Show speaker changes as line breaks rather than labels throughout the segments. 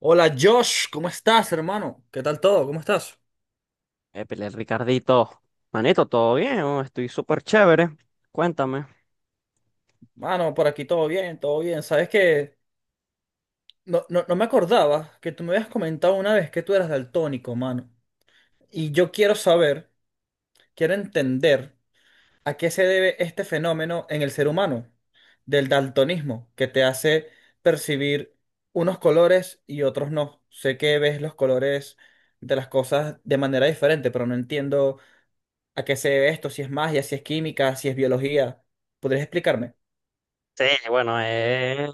Hola Josh, ¿cómo estás, hermano? ¿Qué tal todo? ¿Cómo estás?
Épale, Ricardito. Manito, ¿todo bien? Oh, estoy súper chévere. Cuéntame.
Mano, por aquí todo bien, todo bien. Sabes que no, no, no me acordaba que tú me habías comentado una vez que tú eras daltónico, mano. Y yo quiero saber, quiero entender a qué se debe este fenómeno en el ser humano, del daltonismo, que te hace percibir unos colores y otros no. Sé que ves los colores de las cosas de manera diferente, pero no entiendo a qué se debe esto, si es magia, si es química, si es biología. ¿Podrías explicarme?
Sí, bueno, es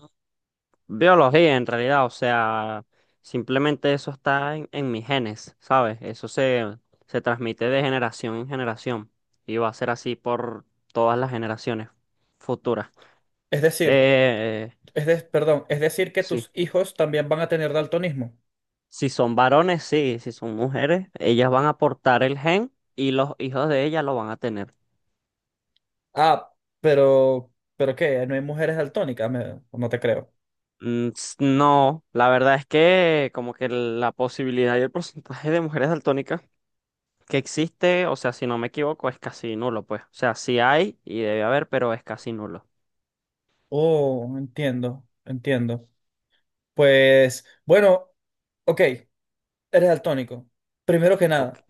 biología en realidad, o sea, simplemente eso está en mis genes, ¿sabes? Se transmite de generación en generación y va a ser así por todas las generaciones futuras.
Es decir,
Eh,
perdón, es decir que
sí,
tus hijos también van a tener daltonismo.
si son varones, sí, si son mujeres, ellas van a portar el gen y los hijos de ellas lo van a tener.
Ah, ¿pero qué? ¿No hay mujeres daltónicas? No te creo.
No, la verdad es que como que la posibilidad y el porcentaje de mujeres daltónicas que existe, o sea, si no me equivoco, es casi nulo, pues. O sea, sí hay y debe haber, pero es casi nulo.
Oh, entiendo, entiendo. Pues, bueno, ok, eres daltónico. Primero que
Ok.
nada,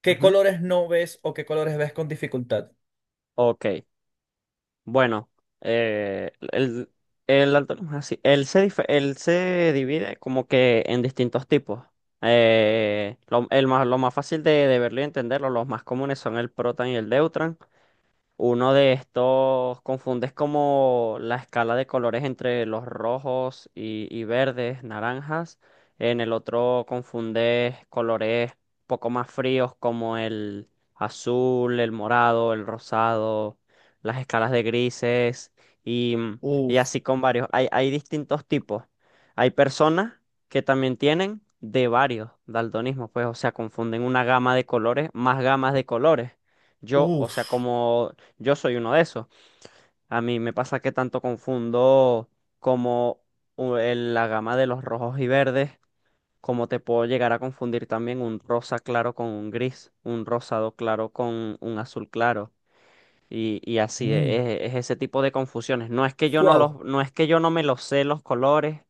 ¿qué
Ujú.
colores no ves o qué colores ves con dificultad?
Ok. Bueno, eh, el, el daltonismo es así. Él se divide como que en distintos tipos. Lo más fácil de verlo y entenderlo, los más comunes son el protan y el deutran. Uno de estos confundes como la escala de colores entre los rojos y verdes, naranjas. En el otro confundes colores poco más fríos como el azul, el morado, el rosado, las escalas de grises y, mm, y
Uf,
así con varios. Hay distintos tipos. Hay personas que también tienen de varios daltonismos, pues, o sea, confunden una gama de colores más gamas de colores. Yo, o sea,
uf,
como yo soy uno de esos. A mí me pasa que tanto confundo como la gama de los rojos y verdes, como te puedo llegar a confundir también un rosa claro con un gris, un rosado claro con un azul claro. Y así es ese tipo de confusiones. No es que yo no
wow.
los, no es que yo no me los sé los colores,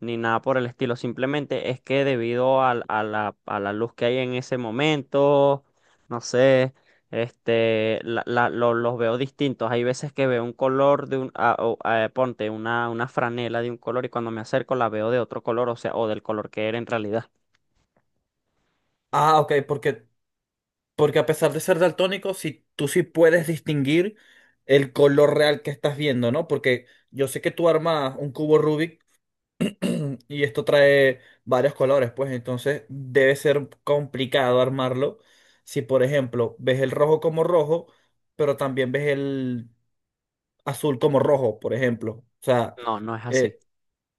ni nada por el estilo. Simplemente es que debido a la luz que hay en ese momento, no sé, este, los veo distintos. Hay veces que veo un color de un, ponte una franela de un color y cuando me acerco la veo de otro color, o sea, o del color que era en realidad.
Ah, ok, porque porque a pesar de ser daltónico, si tú sí puedes distinguir el color real que estás viendo, ¿no? Porque yo sé que tú armas un cubo Rubik y esto trae varios colores, pues entonces debe ser complicado armarlo. Si, por ejemplo, ves el rojo como rojo, pero también ves el azul como rojo, por ejemplo. O sea,
No, no es así.
eh,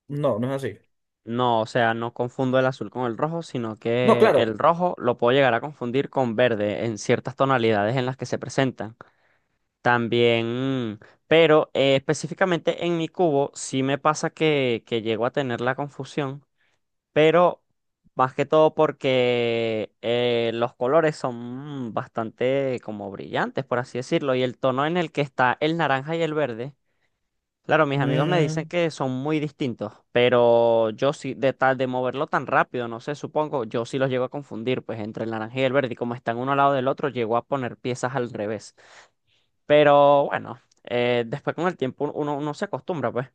no, no es así.
No, o sea, no confundo el azul con el rojo, sino
No,
que el
claro.
rojo lo puedo llegar a confundir con verde en ciertas tonalidades en las que se presentan. También, pero específicamente en mi cubo sí me pasa que llego a tener la confusión, pero más que todo porque los colores son bastante como brillantes, por así decirlo, y el tono en el que está el naranja y el verde, claro, mis amigos me dicen
Mm,
que son muy distintos, pero yo sí, de tal de moverlo tan rápido, no sé, supongo, yo sí los llego a confundir, pues entre el naranja y el verde, y como están uno al lado del otro, llego a poner piezas al revés. Pero bueno, después con el tiempo uno se acostumbra, pues.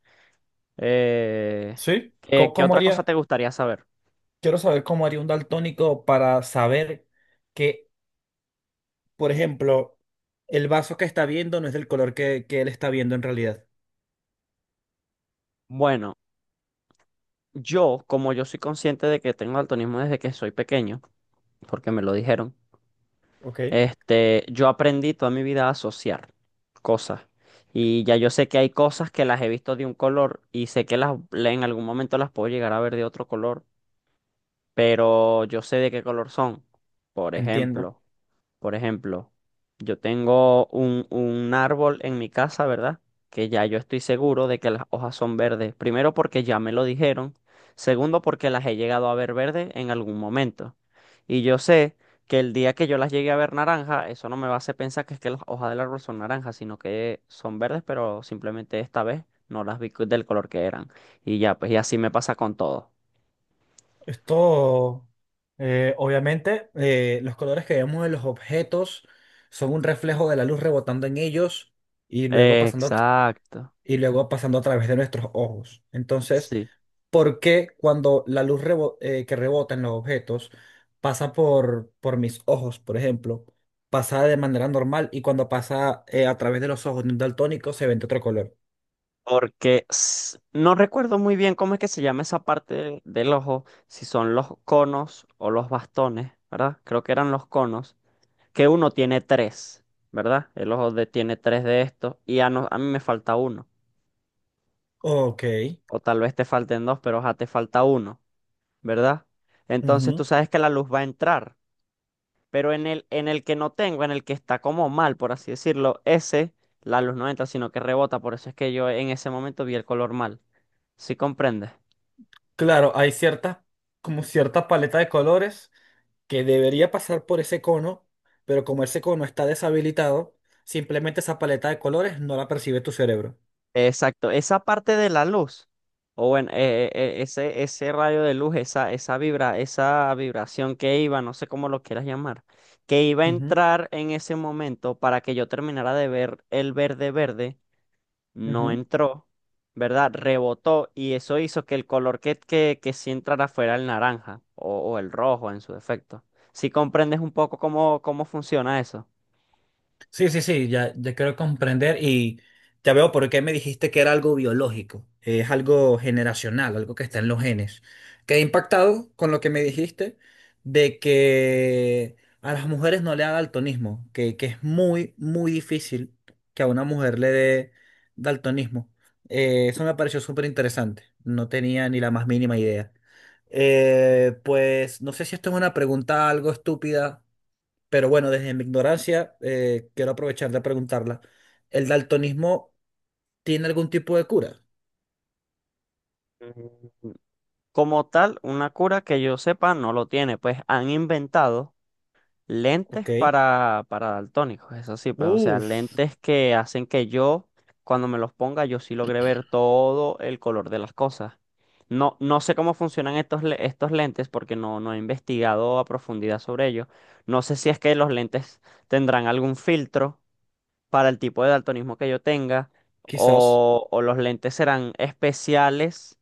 Eh,
¿sí?
¿qué,
¿Cómo,
qué
cómo
otra cosa
haría?
te gustaría saber?
Quiero saber cómo haría un daltónico para saber que, por ejemplo, el vaso que está viendo no es del color que él está viendo en realidad.
Bueno, yo, como yo soy consciente de que tengo daltonismo desde que soy pequeño, porque me lo dijeron,
Ok,
este, yo aprendí toda mi vida a asociar cosas. Y ya yo sé que hay cosas que las he visto de un color y sé que las, en algún momento las puedo llegar a ver de otro color, pero yo sé de qué color son. Por
entiendo.
ejemplo. Por ejemplo, yo tengo un árbol en mi casa, ¿verdad? Que ya yo estoy seguro de que las hojas son verdes. Primero porque ya me lo dijeron. Segundo porque las he llegado a ver verdes en algún momento. Y yo sé que el día que yo las llegue a ver naranja, eso no me va a hacer pensar que es que las hojas del árbol son naranjas, sino que son verdes, pero simplemente esta vez no las vi del color que eran. Y ya, pues y así me pasa con todo.
Esto, obviamente, los colores que vemos en los objetos son un reflejo de la luz rebotando en ellos y luego pasando
Exacto.
y luego pasando a través de nuestros ojos. Entonces,
Sí.
¿por qué cuando la luz que rebota en los objetos pasa por mis ojos, por ejemplo, pasa de manera normal y cuando pasa a través de los ojos de un daltónico se ve de otro color?
Porque s- no recuerdo muy bien cómo es que se llama esa parte del ojo, si son los conos o los bastones, ¿verdad? Creo que eran los conos, que uno tiene tres, ¿verdad? El tiene tres de estos y a, no- a mí me falta uno,
Ok,
o tal vez te falten dos, pero ya te falta uno, ¿verdad? Entonces tú
ujú.
sabes que la luz va a entrar, pero en el que no tengo, en el que está como mal, por así decirlo, ese, la luz no entra, sino que rebota, por eso es que yo en ese momento vi el color mal. ¿Sí comprendes?
Claro, hay cierta, como cierta paleta de colores que debería pasar por ese cono, pero como ese cono está deshabilitado, simplemente esa paleta de colores no la percibe tu cerebro.
Exacto, esa parte de la luz, o bueno, ese rayo de luz, esa vibra, esa vibración que iba, no sé cómo lo quieras llamar, que iba a
Ujú,
entrar en ese momento para que yo terminara de ver el verde verde, no
ujú.
entró, ¿verdad? Rebotó y eso hizo que el color que sí entrara fuera el naranja o el rojo en su defecto. Si comprendes un poco cómo, cómo funciona eso.
Sí, sí, sí, ya, ya quiero comprender y ya veo por qué me dijiste que era algo biológico, es algo generacional, algo que está en los genes. Quedé impactado con lo que me dijiste de que a las mujeres no le da daltonismo, que es muy, muy difícil que a una mujer le dé daltonismo. Eso me pareció súper interesante, no tenía ni la más mínima idea. Pues no sé si esto es una pregunta algo estúpida, pero bueno, desde mi ignorancia, quiero aprovechar de preguntarla. ¿El daltonismo tiene algún tipo de cura?
Mm. Como tal, una cura que yo sepa no lo tiene, pues han inventado. Lentes
Ok.
para daltónicos, eso sí, pues, o sea,
Uf,
lentes que hacen que yo, cuando me los ponga, yo sí logre ver todo el color de las cosas. No, no sé cómo funcionan estos lentes porque no, no he investigado a profundidad sobre ellos. No sé si es que los lentes tendrán algún filtro para el tipo de daltonismo que yo tenga,
quizás.
o los lentes serán especiales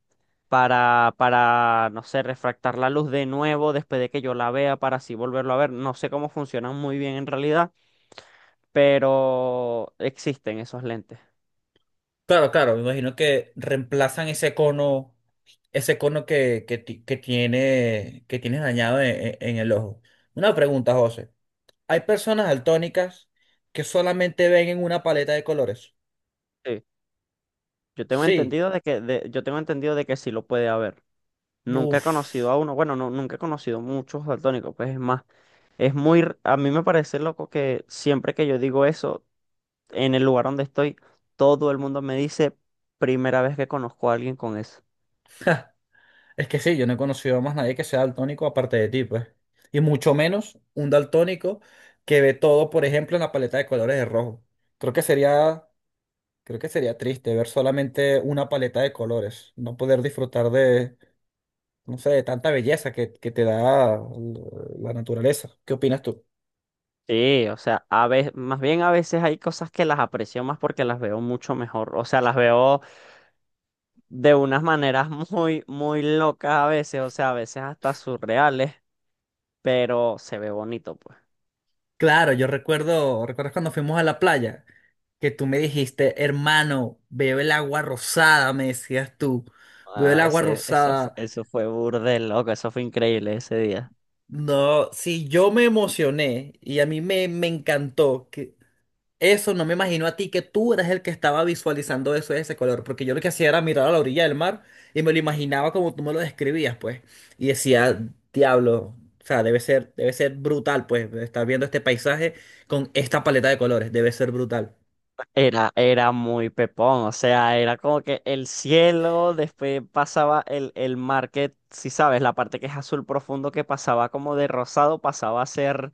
no sé, refractar la luz de nuevo después de que yo la vea para así volverlo a ver. No sé cómo funcionan muy bien en realidad, pero existen esos lentes.
Claro, claro, me imagino que reemplazan ese cono que, que tienes dañado en, en el ojo. Una pregunta, José. ¿Hay personas daltónicas que solamente ven en una paleta de colores?
Sí. Yo tengo
Sí.
entendido de que, de- yo tengo entendido de que sí lo puede haber. Nunca he conocido
Uf.
a uno, bueno, no, nunca he conocido muchos daltónicos, pues es más, es muy, r- a mí me parece loco que siempre que yo digo eso, en el lugar donde estoy, todo el mundo me dice, primera vez que conozco a alguien con eso.
Es que sí, yo no he conocido a más nadie que sea daltónico aparte de ti, pues. Y mucho menos un daltónico que ve todo, por ejemplo, en la paleta de colores de rojo. Creo que sería, creo que sería triste ver solamente una paleta de colores, no poder disfrutar de, no sé, de tanta belleza que, la naturaleza. ¿Qué opinas tú?
Sí, o sea, a veces, más bien a veces hay cosas que las aprecio más porque las veo mucho mejor, o sea, las veo de unas maneras muy, muy locas a veces, o sea, a veces hasta surreales, pero se ve bonito, pues.
Claro, yo recuerdo, ¿recuerdas cuando fuimos a la playa? Que tú me dijiste, hermano, veo el agua rosada, me decías tú, veo el agua rosada.
Eso fue burde loco, eso fue increíble ese día.
No, sí, yo me emocioné y a mí me, me encantó que eso, no me imagino a ti, que tú eras el que estaba visualizando eso de ese color, porque yo lo que hacía era mirar a la orilla del mar y me lo imaginaba como tú me lo describías, pues, y decía, diablo, o sea, debe ser brutal, pues, estar viendo este paisaje con esta paleta de colores, debe ser brutal.
Era, era muy pepón, o sea, era como que el cielo, después pasaba el mar que, si sabes, la parte que es azul profundo que pasaba como de rosado, pasaba a ser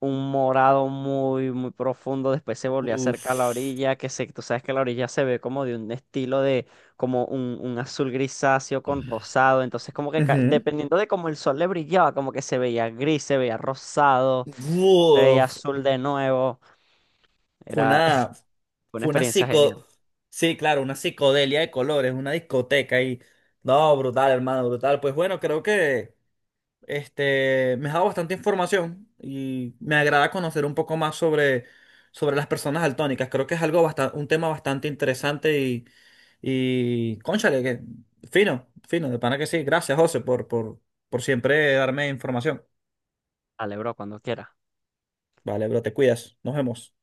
un morado muy, muy profundo, después se volvió acerca a la
Uf.
orilla, que se, tú sabes que la orilla se ve como de un estilo de, como un azul grisáceo con rosado, entonces como que ca-
Ujú.
dependiendo de cómo el sol le brillaba, como que se veía gris, se veía rosado, se veía
Uf,
azul de nuevo,
fue
era
una.
una
Fue una
experiencia genial.
psico... Sí, claro, una psicodelia de colores, una discoteca y... No, brutal, hermano, brutal. Pues bueno, creo que me ha dado bastante información y me agrada conocer un poco más sobre, sobre las personas daltónicas. Creo que es algo bastante, un tema bastante interesante y cónchale, que fino, fino, de pana que sí. Gracias, José, por siempre darme información.
Dale, bro, cuando quiera.
Vale, bro, te cuidas. Nos vemos.